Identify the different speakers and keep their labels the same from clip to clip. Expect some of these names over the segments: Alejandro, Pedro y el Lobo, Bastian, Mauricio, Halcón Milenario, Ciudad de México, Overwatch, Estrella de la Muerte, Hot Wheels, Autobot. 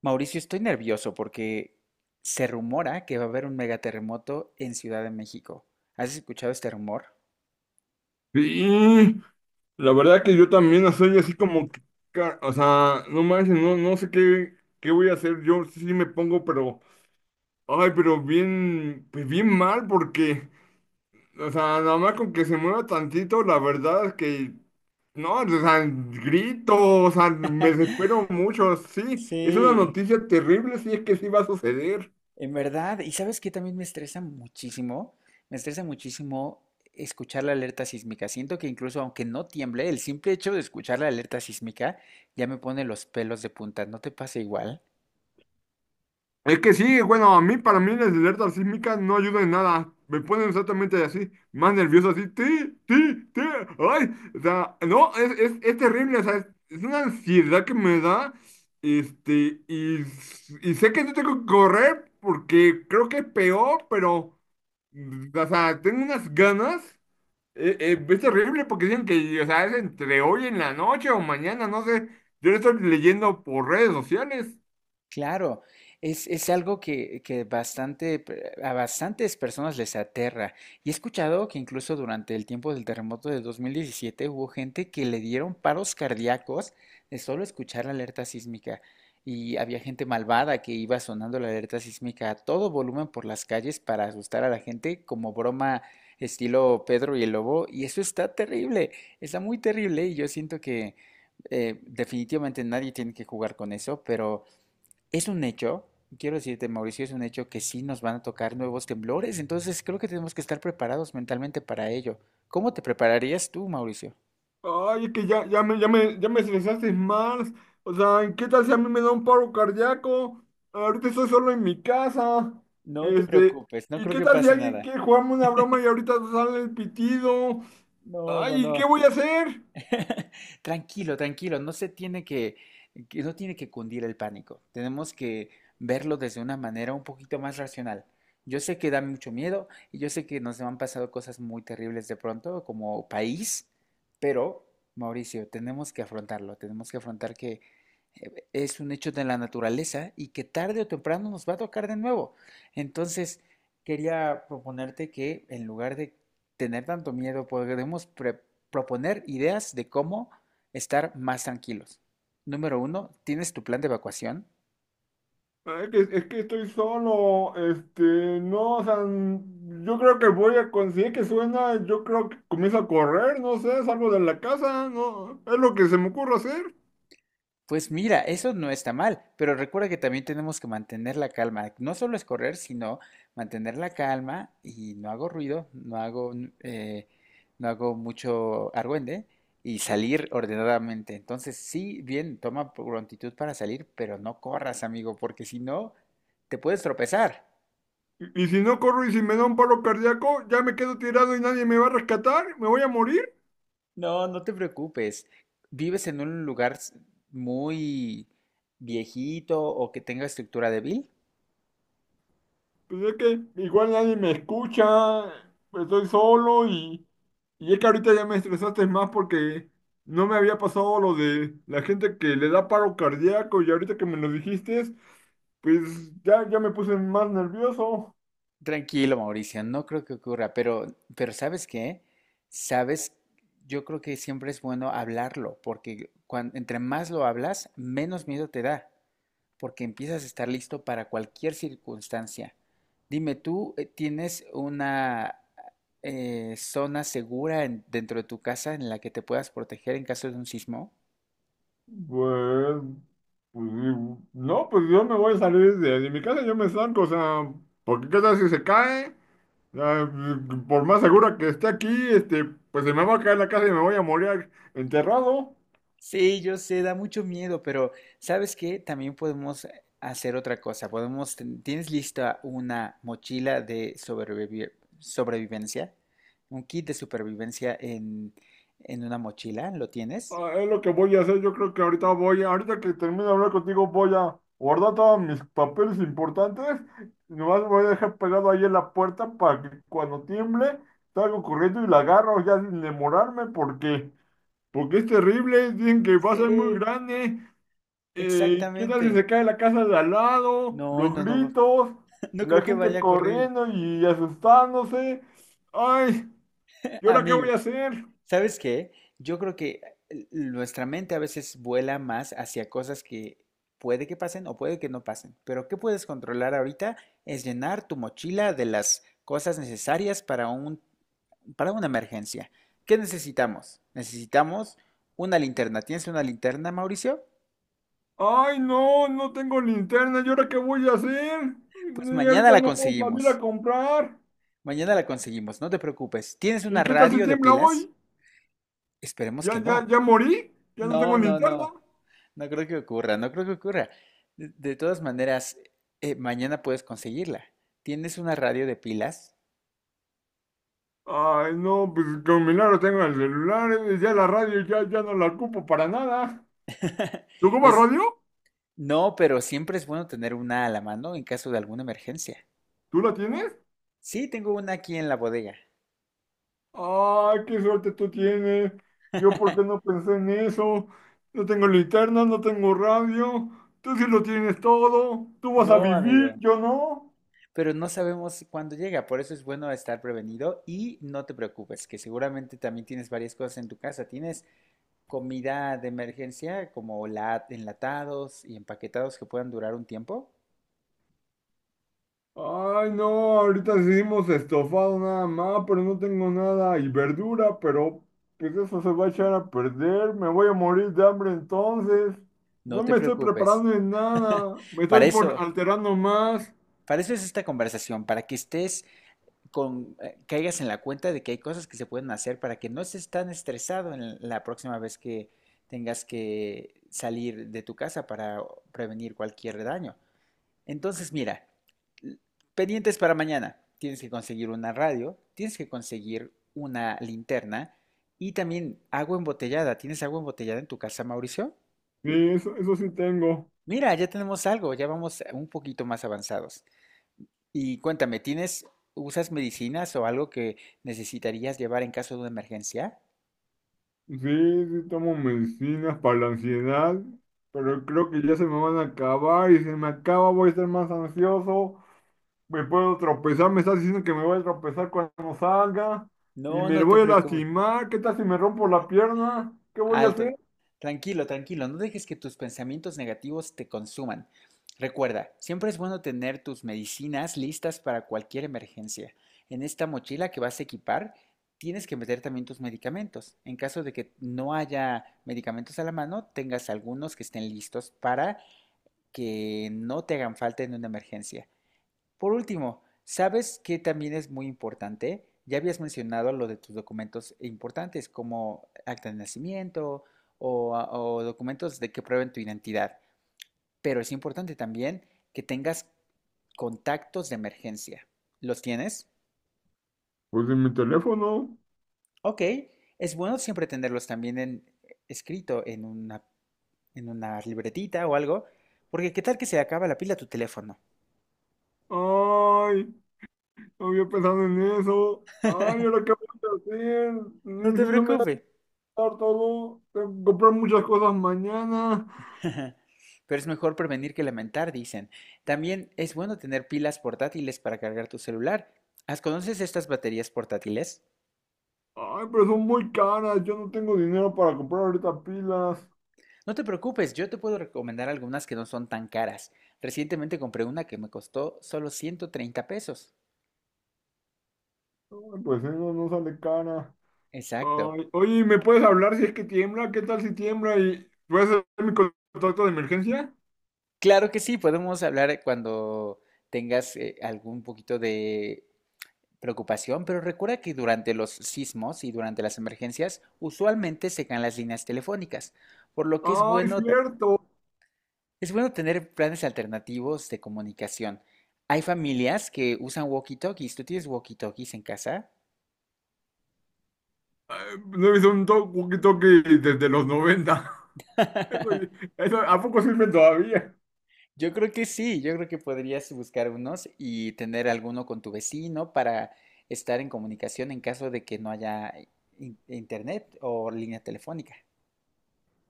Speaker 1: Mauricio, estoy nervioso porque se rumora que va a haber un megaterremoto en Ciudad de México. ¿Has escuchado este rumor?
Speaker 2: Sí, la verdad que yo también soy así como, que, o sea, no manches, no, no sé qué, qué voy a hacer, yo sí me pongo, pero, ay, pero bien, pues bien mal, porque, o sea, nada más con que se mueva tantito, la verdad es que, no, o sea, grito, o sea, me desespero mucho, sí, es una
Speaker 1: Sí,
Speaker 2: noticia terrible, si es que sí va a suceder.
Speaker 1: en verdad, y sabes qué también me estresa muchísimo escuchar la alerta sísmica. Siento que incluso aunque no tiemble, el simple hecho de escuchar la alerta sísmica ya me pone los pelos de punta. ¿No te pasa igual?
Speaker 2: Es que sí, bueno, a mí, para mí las alertas sísmicas no ayudan en nada. Me ponen exactamente así, más nervioso, así, ti, ti, ti, ay, o sea, no, es terrible, o sea, es una ansiedad que me da, este, y, y sé que no tengo que correr porque creo que es peor, pero, o sea, tengo unas ganas, es terrible porque dicen que, o sea, es entre hoy en la noche o mañana, no sé, yo lo estoy leyendo por redes sociales.
Speaker 1: Claro, es algo que bastante, a bastantes personas les aterra. Y he escuchado que incluso durante el tiempo del terremoto de 2017 hubo gente que le dieron paros cardíacos de solo escuchar la alerta sísmica. Y había gente malvada que iba sonando la alerta sísmica a todo volumen por las calles para asustar a la gente como broma estilo Pedro y el Lobo. Y eso está terrible, está muy terrible y yo siento que definitivamente nadie tiene que jugar con eso, pero... Es un hecho, quiero decirte, Mauricio, es un hecho que sí nos van a tocar nuevos temblores, entonces creo que tenemos que estar preparados mentalmente para ello. ¿Cómo te prepararías tú, Mauricio?
Speaker 2: Ay, es que ya, ya me estresaste más. O sea, ¿qué tal si a mí me da un paro cardíaco? Ahorita estoy solo en mi casa.
Speaker 1: No te
Speaker 2: Este,
Speaker 1: preocupes, no
Speaker 2: ¿y
Speaker 1: creo
Speaker 2: qué
Speaker 1: que
Speaker 2: tal si
Speaker 1: pase
Speaker 2: alguien
Speaker 1: nada.
Speaker 2: quiere jugarme una broma y ahorita sale el pitido?
Speaker 1: No, no,
Speaker 2: Ay, ¿qué
Speaker 1: no.
Speaker 2: voy a hacer?
Speaker 1: Tranquilo, tranquilo, no se tiene no tiene que cundir el pánico. Tenemos que verlo desde una manera un poquito más racional. Yo sé que da mucho miedo y yo sé que nos han pasado cosas muy terribles de pronto como país, pero Mauricio, tenemos que afrontarlo, tenemos que afrontar que es un hecho de la naturaleza y que tarde o temprano nos va a tocar de nuevo. Entonces, quería proponerte que en lugar de tener tanto miedo, podemos proponer ideas de cómo estar más tranquilos. Número uno, ¿tienes tu plan de evacuación?
Speaker 2: Ay, es que estoy solo. Este, no, o sea, yo creo que voy a conseguir que suena. Yo creo que comienzo a correr, no sé, salgo de la casa, no, es lo que se me ocurre hacer.
Speaker 1: Pues mira, eso no está mal, pero recuerda que también tenemos que mantener la calma. No solo es correr, sino mantener la calma y no hago ruido, no hago, no hago mucho argüende y salir ordenadamente. Entonces, sí, bien, toma prontitud para salir, pero no corras, amigo, porque si no, te puedes tropezar.
Speaker 2: Y si no corro y si me da un paro cardíaco, ya me quedo tirado y nadie me va a rescatar, me voy a morir.
Speaker 1: No, no te preocupes. ¿Vives en un lugar muy viejito o que tenga estructura débil?
Speaker 2: Pues es que igual nadie me escucha, estoy solo y es que ahorita ya me estresaste más porque no me había pasado lo de la gente que le da paro cardíaco y ahorita que me lo dijiste, pues ya, ya me puse más nervioso.
Speaker 1: Tranquilo, Mauricio, no creo que ocurra, pero ¿sabes qué? Sabes, yo creo que siempre es bueno hablarlo, porque entre más lo hablas, menos miedo te da, porque empiezas a estar listo para cualquier circunstancia. Dime, ¿tú tienes una zona segura dentro de tu casa en la que te puedas proteger en caso de un sismo?
Speaker 2: Pues, pues, no, pues yo me voy a salir de mi casa, yo me zanco, o sea, porque ¿qué tal si se cae? Ah, por más segura que esté aquí, este, pues se me va a caer la casa y me voy a morir enterrado.
Speaker 1: Sí, yo sé, da mucho miedo, pero ¿sabes qué? También podemos hacer otra cosa. Podemos, ¿tienes lista una mochila de sobrevivencia? Un kit de supervivencia en una mochila, ¿lo tienes?
Speaker 2: Ah, es lo que voy a hacer. Yo creo que ahorita voy, ahorita que termine de hablar contigo, voy a guardar todos mis papeles importantes. Nomás me voy a dejar pegado ahí en la puerta para que cuando tiemble salgo corriendo y la agarro ya sin demorarme porque, porque es terrible. Dicen que va a ser muy
Speaker 1: Sí,
Speaker 2: grande. ¿Qué tal si
Speaker 1: exactamente.
Speaker 2: se cae la casa de al lado?
Speaker 1: No,
Speaker 2: Los
Speaker 1: no, no,
Speaker 2: gritos,
Speaker 1: no
Speaker 2: la
Speaker 1: creo que
Speaker 2: gente
Speaker 1: vaya a correr,
Speaker 2: corriendo y asustándose. Ay, ¿y ahora qué voy
Speaker 1: amigo.
Speaker 2: a hacer?
Speaker 1: ¿Sabes qué? Yo creo que nuestra mente a veces vuela más hacia cosas que puede que pasen o puede que no pasen. Pero ¿qué puedes controlar ahorita? Es llenar tu mochila de las cosas necesarias para una emergencia. ¿Qué necesitamos? Necesitamos una linterna. ¿Tienes una linterna, Mauricio?
Speaker 2: Ay, no, no tengo linterna. ¿Y ahora qué voy a hacer?
Speaker 1: Pues
Speaker 2: Y
Speaker 1: mañana
Speaker 2: ahorita
Speaker 1: la
Speaker 2: no puedo salir a
Speaker 1: conseguimos.
Speaker 2: comprar.
Speaker 1: Mañana la conseguimos, no te preocupes. ¿Tienes
Speaker 2: ¿Y
Speaker 1: una
Speaker 2: qué tal si
Speaker 1: radio de
Speaker 2: tiembla
Speaker 1: pilas?
Speaker 2: hoy?
Speaker 1: Esperemos que no.
Speaker 2: Ya morí? ¿Ya no tengo
Speaker 1: No, no,
Speaker 2: linterna?
Speaker 1: no. No creo que ocurra, no creo que ocurra. De todas maneras, mañana puedes conseguirla. ¿Tienes una radio de pilas?
Speaker 2: Ay, no, pues con milagro tengo el celular. Eh, ya la radio ya no la ocupo para nada. ¿Tú ocupas
Speaker 1: Es,
Speaker 2: radio?
Speaker 1: no, pero siempre es bueno tener una a la mano en caso de alguna emergencia.
Speaker 2: ¿Tú la tienes?
Speaker 1: Sí, tengo una aquí en la bodega.
Speaker 2: Ah, qué suerte tú tienes. Yo, ¿por qué no pensé en eso? No tengo linterna, no tengo radio. Tú sí lo tienes todo. Tú vas a
Speaker 1: No,
Speaker 2: vivir,
Speaker 1: amigo,
Speaker 2: yo no.
Speaker 1: pero no sabemos cuándo llega, por eso es bueno estar prevenido y no te preocupes, que seguramente también tienes varias cosas en tu casa. Tienes comida de emergencia, como enlatados y empaquetados que puedan durar un tiempo,
Speaker 2: Ay, no, ahorita hicimos estofado nada más, pero no tengo nada. Y verdura, pero pues eso se va a echar a perder. Me voy a morir de hambre entonces.
Speaker 1: no
Speaker 2: No
Speaker 1: te
Speaker 2: me estoy
Speaker 1: preocupes.
Speaker 2: preparando en nada. Me
Speaker 1: Para
Speaker 2: estoy por
Speaker 1: eso,
Speaker 2: alterando más.
Speaker 1: para eso es esta conversación, para que estés caigas en la cuenta de que hay cosas que se pueden hacer para que no estés tan estresado en la próxima vez que tengas que salir de tu casa para prevenir cualquier daño. Entonces, mira, pendientes para mañana. Tienes que conseguir una radio, tienes que conseguir una linterna y también agua embotellada. ¿Tienes agua embotellada en tu casa, Mauricio?
Speaker 2: Sí, eso sí tengo.
Speaker 1: Mira, ya tenemos algo, ya vamos un poquito más avanzados. Y cuéntame, ¿tienes, usas medicinas o algo que necesitarías llevar en caso de una emergencia?
Speaker 2: Sí, sí tomo medicinas para la ansiedad, pero creo que ya se me van a acabar y si me acaba voy a estar más ansioso, me puedo tropezar, me estás diciendo que me voy a tropezar cuando salga y
Speaker 1: No,
Speaker 2: me
Speaker 1: no te
Speaker 2: voy a
Speaker 1: preocupes.
Speaker 2: lastimar, ¿qué tal si me rompo la pierna? ¿Qué voy a
Speaker 1: Alto.
Speaker 2: hacer?
Speaker 1: Tranquilo, tranquilo, no dejes que tus pensamientos negativos te consuman. Recuerda, siempre es bueno tener tus medicinas listas para cualquier emergencia. En esta mochila que vas a equipar, tienes que meter también tus medicamentos. En caso de que no haya medicamentos a la mano, tengas algunos que estén listos para que no te hagan falta en una emergencia. Por último, ¿sabes qué también es muy importante? Ya habías mencionado lo de tus documentos importantes, como acta de nacimiento o, ah, o documentos de que prueben tu identidad, pero es importante también que tengas contactos de emergencia. ¿Los tienes?
Speaker 2: Pues en mi teléfono.
Speaker 1: Ok, es bueno siempre tenerlos también en, escrito en una libretita o algo, porque qué tal que se acaba la pila de tu teléfono.
Speaker 2: Ay, no había pensado en eso. Ay, ¿ahora qué voy a hacer?
Speaker 1: No
Speaker 2: Y
Speaker 1: te
Speaker 2: si no me da
Speaker 1: preocupes.
Speaker 2: todo, tengo que comprar muchas cosas mañana.
Speaker 1: Pero es mejor prevenir que lamentar, dicen. También es bueno tener pilas portátiles para cargar tu celular. ¿Las ¿Conoces estas baterías portátiles?
Speaker 2: Ay, pero son muy caras. Yo no tengo dinero para comprar ahorita pilas.
Speaker 1: No te preocupes, yo te puedo recomendar algunas que no son tan caras. Recientemente compré una que me costó solo 130 pesos.
Speaker 2: Ay, pues eso no sale cara.
Speaker 1: Exacto.
Speaker 2: Ay, oye, ¿me puedes hablar si es que tiembla? ¿Qué tal si tiembla? ¿Y puedes hacer mi contacto de emergencia?
Speaker 1: Claro que sí, podemos hablar cuando tengas algún poquito de preocupación, pero recuerda que durante los sismos y durante las emergencias usualmente se caen las líneas telefónicas, por lo que es
Speaker 2: Ay,
Speaker 1: bueno.
Speaker 2: cierto.
Speaker 1: Es bueno tener planes alternativos de comunicación. Hay familias que usan walkie-talkies. ¿Tú tienes walkie-talkies en casa?
Speaker 2: Ay, no es un toque desde los 90s. Eso, eso, ¿a poco sirven todavía?
Speaker 1: Yo creo que sí, yo creo que podrías buscar unos y tener alguno con tu vecino para estar en comunicación en caso de que no haya internet o línea telefónica.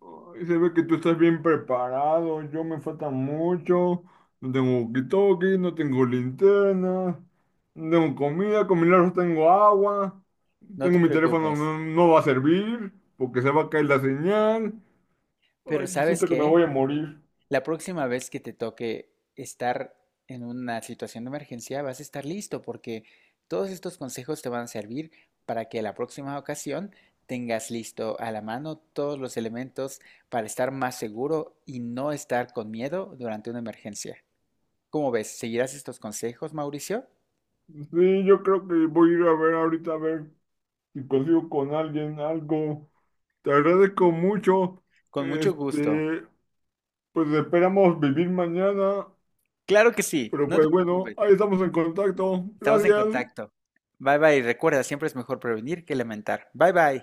Speaker 2: Ay, se ve que tú estás bien preparado, yo me falta mucho, no tengo walkie-talkie, no tengo linterna, no tengo comida, con milagros tengo agua,
Speaker 1: No te
Speaker 2: tengo mi teléfono,
Speaker 1: preocupes.
Speaker 2: no, no va a servir porque se va a caer la señal,
Speaker 1: Pero
Speaker 2: ay,
Speaker 1: ¿sabes
Speaker 2: siento que me
Speaker 1: qué?
Speaker 2: voy a morir.
Speaker 1: La próxima vez que te toque estar en una situación de emergencia, vas a estar listo porque todos estos consejos te van a servir para que la próxima ocasión tengas listo a la mano todos los elementos para estar más seguro y no estar con miedo durante una emergencia. ¿Cómo ves? ¿Seguirás estos consejos, Mauricio?
Speaker 2: Sí, yo creo que voy a ir a ver ahorita a ver si consigo con alguien algo. Te agradezco mucho,
Speaker 1: Con mucho gusto.
Speaker 2: este, pues esperamos vivir mañana.
Speaker 1: Claro que sí,
Speaker 2: Pero
Speaker 1: no te
Speaker 2: pues bueno,
Speaker 1: preocupes.
Speaker 2: ahí estamos en contacto.
Speaker 1: Estamos en
Speaker 2: Gracias.
Speaker 1: contacto. Bye bye. Recuerda, siempre es mejor prevenir que lamentar. Bye bye.